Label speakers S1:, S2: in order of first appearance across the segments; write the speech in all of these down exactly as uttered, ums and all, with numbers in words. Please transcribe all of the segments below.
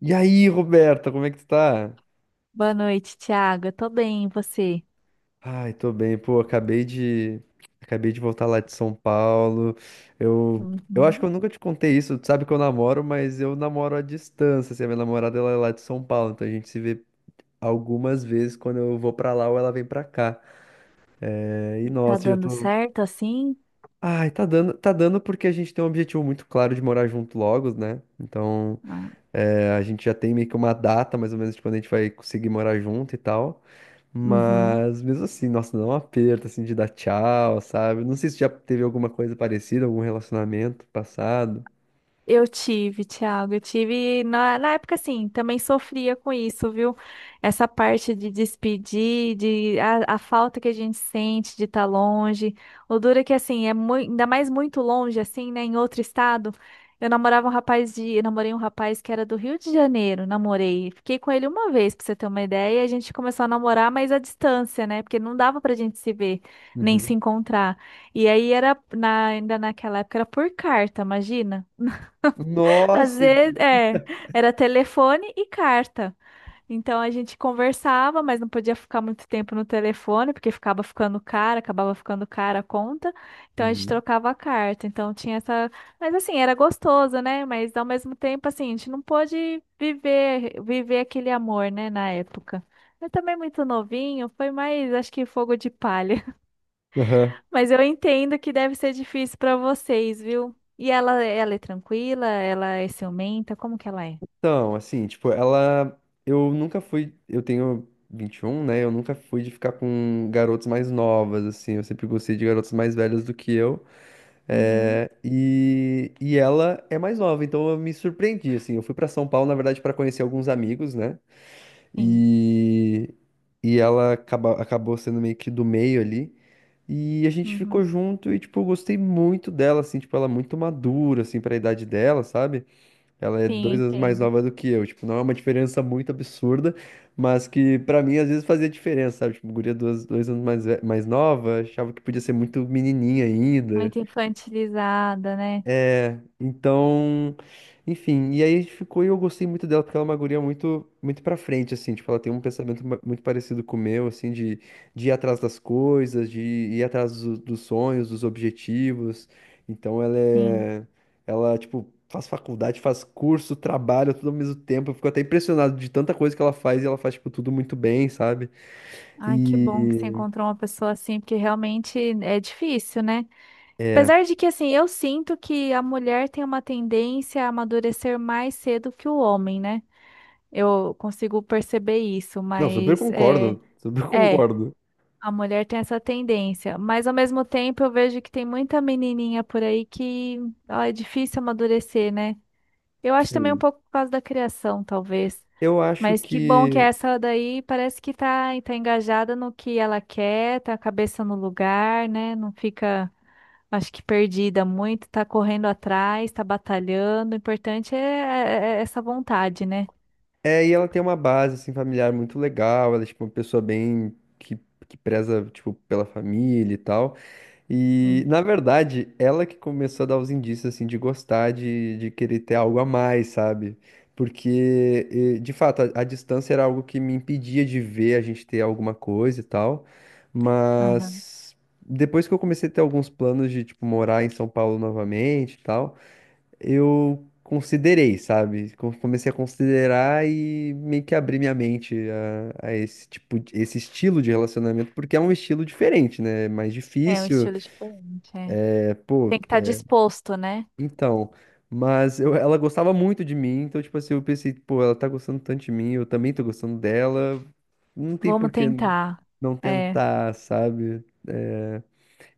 S1: E aí, Roberta, como é que tu tá?
S2: Boa noite, Thiago. Eu tô bem, e você?
S1: Ai, tô bem, pô, acabei de acabei de voltar lá de São Paulo. Eu eu acho que
S2: Uhum.
S1: eu nunca te contei isso, tu sabe que eu namoro, mas eu namoro à distância, assim, a minha namorada ela é lá de São Paulo, então a gente se vê algumas vezes quando eu vou pra lá ou ela vem pra cá. É, e
S2: Tá
S1: nossa, eu
S2: dando
S1: tô.
S2: certo assim?
S1: Ai, tá dando, tá dando porque a gente tem um objetivo muito claro de morar junto logo, né? Então,
S2: Ah,
S1: é, a gente já tem meio que uma data, mais ou menos, de quando a gente vai conseguir morar junto e tal.
S2: uhum.
S1: Mas mesmo assim, nossa, dá um aperto assim de dar tchau, sabe? Não sei se já teve alguma coisa parecida, algum relacionamento passado.
S2: Eu tive, Thiago, eu tive na, na época assim, também sofria com isso, viu? Essa parte de despedir, de a, a falta que a gente sente de estar longe. O duro é que assim, é mui- ainda mais muito longe assim, né, em outro estado. Eu namorava um rapaz de, eu namorei um rapaz que era do Rio de Janeiro, namorei. Fiquei com ele uma vez, pra você ter uma ideia, e a gente começou a namorar, mas à distância, né? Porque não dava pra gente se ver, nem se
S1: Uhum.
S2: encontrar. E aí era na- ainda naquela época era por carta, imagina? Às
S1: Nossa!
S2: vezes, é, era telefone e carta. Então a gente conversava, mas não podia ficar muito tempo no telefone, porque ficava ficando cara, acabava ficando cara a conta. Então a gente
S1: Uhum.
S2: trocava a carta. Então tinha essa. Mas assim, era gostoso, né? Mas ao mesmo tempo, assim, a gente não pôde viver, viver aquele amor, né, na época. Eu também muito novinho, foi mais, acho que fogo de palha.
S1: Aham.
S2: Mas eu entendo que deve ser difícil para vocês, viu? E ela, ela é tranquila? Ela é ciumenta? Como que ela é?
S1: Então, assim, tipo, ela. Eu nunca fui. Eu tenho vinte e um, né? Eu nunca fui de ficar com garotas mais novas, assim. Eu sempre gostei de garotas mais velhas do que eu.
S2: Uhum,
S1: É, e, e ela é mais nova, então eu me surpreendi, assim. Eu fui pra São Paulo, na verdade, pra conhecer alguns amigos, né?
S2: sim.
S1: E, e ela acaba, acabou sendo meio que do meio ali. E a gente ficou
S2: Uhum.
S1: junto e, tipo, eu gostei muito dela, assim, tipo, ela é muito madura, assim, pra idade dela, sabe? Ela é
S2: Sim, eu
S1: dois anos mais
S2: entendo.
S1: nova do que eu, tipo, não é uma diferença muito absurda, mas que pra mim às vezes fazia diferença, sabe? Tipo, guria dois, dois anos mais, ve- mais nova, achava que podia ser muito menininha ainda.
S2: Muito infantilizada, né?
S1: É, então, enfim, e aí ficou e eu gostei muito dela, porque ela é uma guria muito, muito pra frente, assim, tipo, ela tem um pensamento ma- muito parecido com o meu, assim, de, de ir atrás das coisas, de ir atrás do- dos sonhos, dos objetivos, então ela
S2: Sim.
S1: é, ela, tipo, faz faculdade, faz curso, trabalha tudo ao mesmo tempo, eu fico até impressionado de tanta coisa que ela faz, e ela faz, tipo, tudo muito bem, sabe?
S2: Ai, que bom que você
S1: E,
S2: encontrou uma pessoa assim, porque realmente é difícil, né?
S1: é,
S2: Apesar de que, assim, eu sinto que a mulher tem uma tendência a amadurecer mais cedo que o homem, né? Eu consigo perceber isso,
S1: não, super
S2: mas é.
S1: concordo, super
S2: É.
S1: concordo.
S2: A mulher tem essa tendência, mas ao mesmo tempo eu vejo que tem muita menininha por aí que ó, é difícil amadurecer, né? Eu acho também um
S1: Sim.
S2: pouco por causa da criação, talvez.
S1: Eu acho
S2: Mas que bom que
S1: que
S2: essa daí parece que tá, tá engajada no que ela quer, tá a cabeça no lugar, né? Não fica, acho que perdida muito, tá correndo atrás, tá batalhando. O importante é, é- é essa vontade, né?
S1: é, e ela tem uma base, assim, familiar muito legal. Ela é, tipo, uma pessoa bem... Que, que preza, tipo, pela família e tal. E,
S2: Sim.
S1: na verdade, ela que começou a dar os indícios, assim, de gostar, de, de querer ter algo a mais, sabe? Porque, eh, de fato, a, a distância era algo que me impedia de ver a gente ter alguma coisa e tal.
S2: Aham.
S1: Mas... depois que eu comecei a ter alguns planos de, tipo, morar em São Paulo novamente e tal, eu considerei, sabe? Co- Comecei a considerar e meio que abri minha mente a, a esse tipo, de- esse estilo de relacionamento, porque é um estilo diferente, né? É mais
S2: É um
S1: difícil,
S2: estilo diferente, é.
S1: é, pô,
S2: Tem que estar disposto, né?
S1: então. Mas eu- ela gostava muito de mim, então, tipo assim, eu pensei, pô, ela tá gostando tanto de mim, eu também tô gostando dela, não tem
S2: Vamos
S1: por que
S2: tentar.
S1: não
S2: É,
S1: tentar, sabe? É.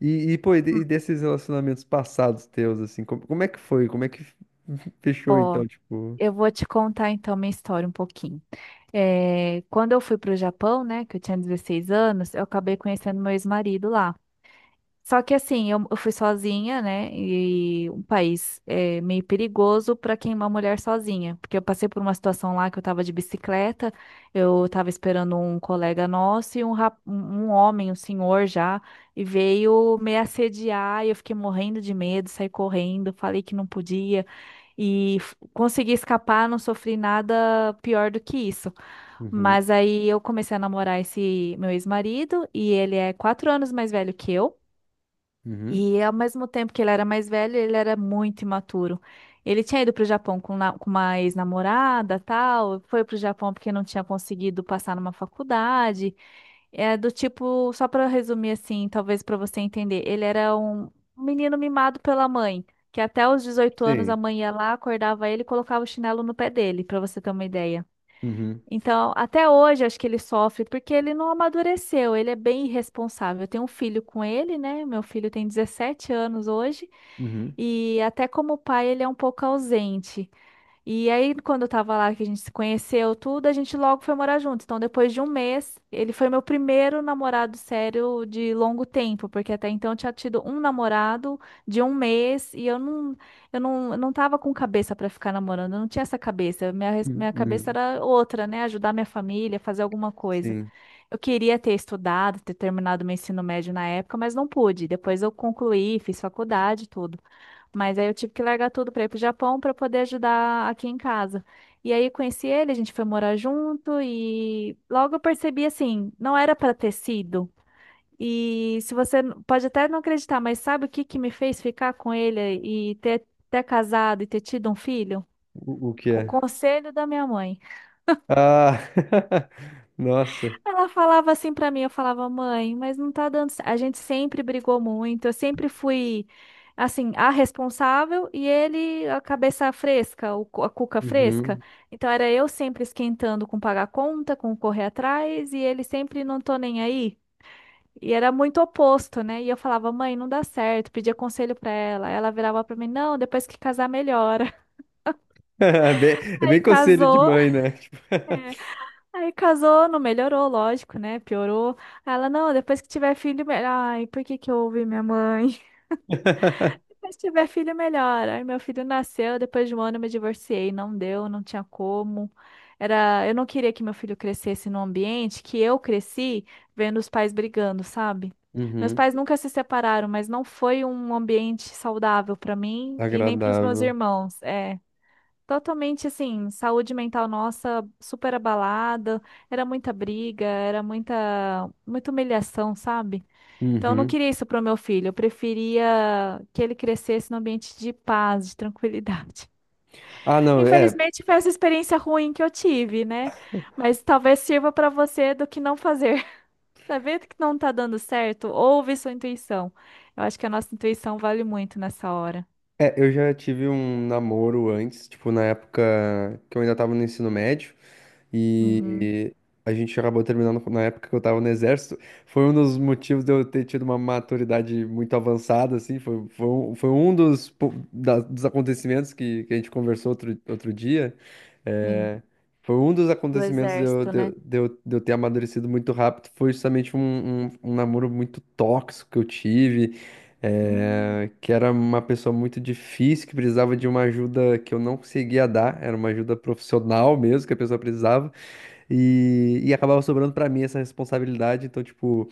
S1: E, e, pô, e de- e
S2: hum,
S1: desses relacionamentos passados teus, assim, como, como é que foi? Como é que fechou,
S2: Ó,
S1: então, tipo.
S2: eu vou te contar então minha história um pouquinho. É, quando eu fui para o Japão, né, que eu tinha dezesseis anos, eu acabei conhecendo meu ex-marido lá. Só que assim, eu, eu fui sozinha, né? E um país é, meio perigoso pra quem é uma mulher sozinha. Porque eu passei por uma situação lá que eu tava de bicicleta, eu tava esperando um colega nosso e um, rap- um um homem, um senhor já, e veio me assediar e eu fiquei morrendo de medo, saí correndo, falei que não podia. E f- consegui escapar, não sofri nada pior do que isso.
S1: Uhum,
S2: Mas aí eu comecei a namorar esse meu ex-marido e ele é quatro anos mais velho que eu.
S1: uhum.
S2: E ao mesmo tempo que ele era mais velho, ele era muito imaturo. Ele tinha ido para o Japão com, na- com uma ex-namorada, tal, foi para o Japão porque não tinha conseguido passar numa faculdade. É do tipo, só para resumir assim, talvez para você entender, ele era um, um menino mimado pela mãe, que até os dezoito anos
S1: Sim.
S2: a mãe ia lá, acordava ele e colocava o chinelo no pé dele, para você ter uma ideia.
S1: Uhum,
S2: Então, até hoje acho que ele sofre porque ele não amadureceu, ele é bem irresponsável. Eu tenho um filho com ele, né? Meu filho tem dezessete anos hoje
S1: uhum,
S2: e até como pai ele é um pouco ausente. E aí, quando eu tava lá, que a gente se conheceu, tudo, a gente logo foi morar junto. Então, depois de um mês, ele foi meu primeiro namorado sério de longo tempo, porque até então eu tinha tido um namorado de um mês e eu não, eu não, eu não tava com cabeça pra ficar namorando, eu não tinha essa cabeça. Minha, res-
S1: uhum,
S2: minha cabeça
S1: uhum.
S2: era outra, né? Ajudar minha família, fazer alguma coisa.
S1: Sim.
S2: Eu queria ter estudado, ter terminado meu ensino médio na época, mas não pude. Depois eu concluí, fiz faculdade, tudo. Mas aí eu tive que largar tudo para ir pro Japão para poder ajudar aqui em casa. E aí conheci ele, a gente foi morar junto e logo eu percebi assim, não era para ter sido. E se você n- pode até não acreditar, mas sabe o que que me fez ficar com ele e ter, ter casado e ter tido um filho?
S1: O, o que
S2: O
S1: é?
S2: conselho da minha mãe.
S1: Ah, nossa.
S2: Ela falava assim pra mim, eu falava, mãe, mas não tá dando certo. A gente sempre brigou muito, eu sempre fui, assim, a responsável e ele a cabeça fresca, o cu- a cuca fresca.
S1: Uhum.
S2: Então era eu sempre esquentando com pagar conta, com correr atrás e ele sempre não tô nem aí. E era muito oposto, né? E eu falava, mãe, não dá certo, pedia conselho pra ela. Ela virava pra mim, não, depois que casar melhora.
S1: É bem, é bem
S2: Aí
S1: conselho de
S2: casou.
S1: mãe, né? Tipo,
S2: Aí casou, não melhorou, lógico, né? Piorou. Aí ela, não, depois que tiver filho, melhor. Ai, por que que eu ouvi minha mãe? Depois que tiver filho, melhor. Aí meu filho nasceu, depois de um ano eu me divorciei. Não deu, não tinha como. Era, eu não queria que meu filho crescesse num ambiente que eu cresci vendo os pais brigando, sabe? Meus
S1: uhum,
S2: pais nunca se separaram, mas não foi um ambiente saudável para mim e nem para os meus
S1: agradável.
S2: irmãos. É. Totalmente assim, saúde mental nossa super abalada, era muita briga, era muita, muita humilhação, sabe? Então eu não
S1: Uhum.
S2: queria isso pro meu filho, eu preferia que ele crescesse num ambiente de paz, de tranquilidade.
S1: Ah, não, é,
S2: Infelizmente foi essa experiência ruim que eu tive, né? Mas talvez sirva para você do que não fazer. Tá vendo que não tá dando certo? Ouve sua intuição. Eu acho que a nossa intuição vale muito nessa hora.
S1: é. Eu já tive um namoro antes, tipo, na época que eu ainda tava no ensino médio.
S2: Uhum,
S1: E a gente acabou terminando na época que eu tava no exército. Foi um dos motivos de eu ter tido uma maturidade muito avançada, assim. Foi, foi, um, foi um dos, po- da- dos acontecimentos que, que a gente conversou outro, outro dia.
S2: sim,
S1: É, foi um dos
S2: do
S1: acontecimentos de eu,
S2: exército,
S1: de, eu,
S2: né?
S1: de eu de eu ter amadurecido muito rápido. Foi justamente um, um, um namoro muito tóxico que eu tive,
S2: Hum.
S1: é, que era uma pessoa muito difícil, que precisava de uma ajuda que eu não conseguia dar. Era uma ajuda profissional mesmo que a pessoa precisava. E, e acabava sobrando pra mim essa responsabilidade. Então, tipo,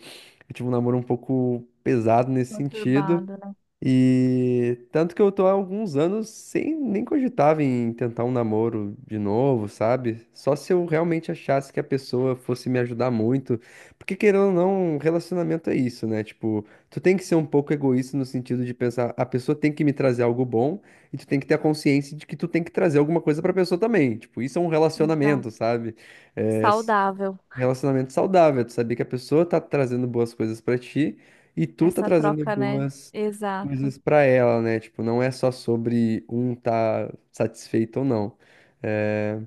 S1: eu tive um namoro um pouco pesado nesse sentido.
S2: Conturbado, né?
S1: E tanto que eu tô há alguns anos sem nem cogitava em tentar um namoro de novo, sabe? Só se eu realmente achasse que a pessoa fosse me ajudar muito. Porque querendo ou não, relacionamento é isso, né? Tipo, tu tem que ser um pouco egoísta no sentido de pensar, a pessoa tem que me trazer algo bom e tu tem que ter a consciência de que tu tem que trazer alguma coisa pra pessoa também. Tipo, isso é um relacionamento,
S2: Exato.
S1: sabe? É.
S2: Saudável.
S1: Relacionamento saudável, tu saber que a pessoa tá trazendo boas coisas pra ti e tu tá
S2: Essa
S1: trazendo
S2: troca, né?
S1: boas
S2: Exato.
S1: coisas pra ela, né? Tipo, não é só sobre um tá satisfeito ou não. É.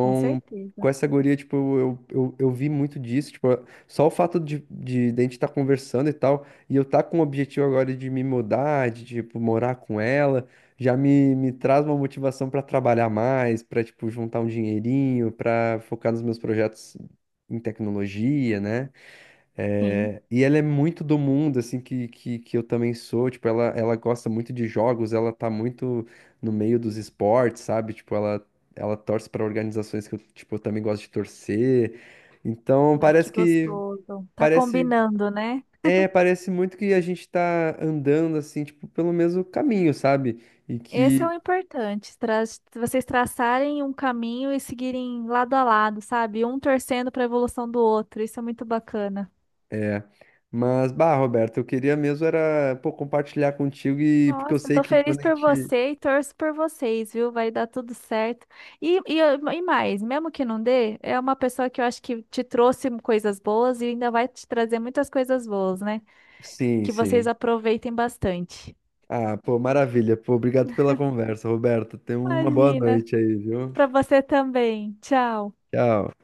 S2: Com
S1: com
S2: certeza.
S1: essa guria, tipo, eu, eu, eu vi muito disso, tipo, só o fato de, de, de a gente estar conversando e tal, e eu tá com o objetivo agora de me mudar, de, tipo, morar com ela, já me, me traz uma motivação pra trabalhar mais, pra tipo juntar um dinheirinho, pra focar nos meus projetos em tecnologia, né?
S2: Sim.
S1: É, e ela é muito do mundo, assim, que, que, que eu também sou. Tipo, ela, ela gosta muito de jogos, ela tá muito no meio dos esportes, sabe? Tipo, ela, ela torce para organizações que eu, tipo, eu também gosto de torcer. Então,
S2: Ai,
S1: parece
S2: que
S1: que,
S2: gostoso. Tá
S1: parece,
S2: combinando, né?
S1: é, parece muito que a gente tá andando, assim, tipo, pelo mesmo caminho, sabe? E
S2: Esse é
S1: que,
S2: o importante. tra- Vocês traçarem um caminho e seguirem lado a lado, sabe? Um torcendo para a evolução do outro. Isso é muito bacana.
S1: é... Mas, bah, Roberto, eu queria mesmo era, pô, compartilhar contigo e porque eu
S2: Nossa,
S1: sei
S2: tô
S1: que quando
S2: feliz
S1: a
S2: por
S1: gente.
S2: você e torço por vocês, viu? Vai dar tudo certo. E, e, e mais, mesmo que não dê, é uma pessoa que eu acho que te trouxe coisas boas e ainda vai te trazer muitas coisas boas, né?
S1: Sim,
S2: Que vocês
S1: sim.
S2: aproveitem bastante.
S1: Ah, pô, maravilha. Pô, obrigado pela conversa, Roberto. Tenha uma boa
S2: Imagina,
S1: noite aí, viu?
S2: pra você também. Tchau.
S1: Tchau.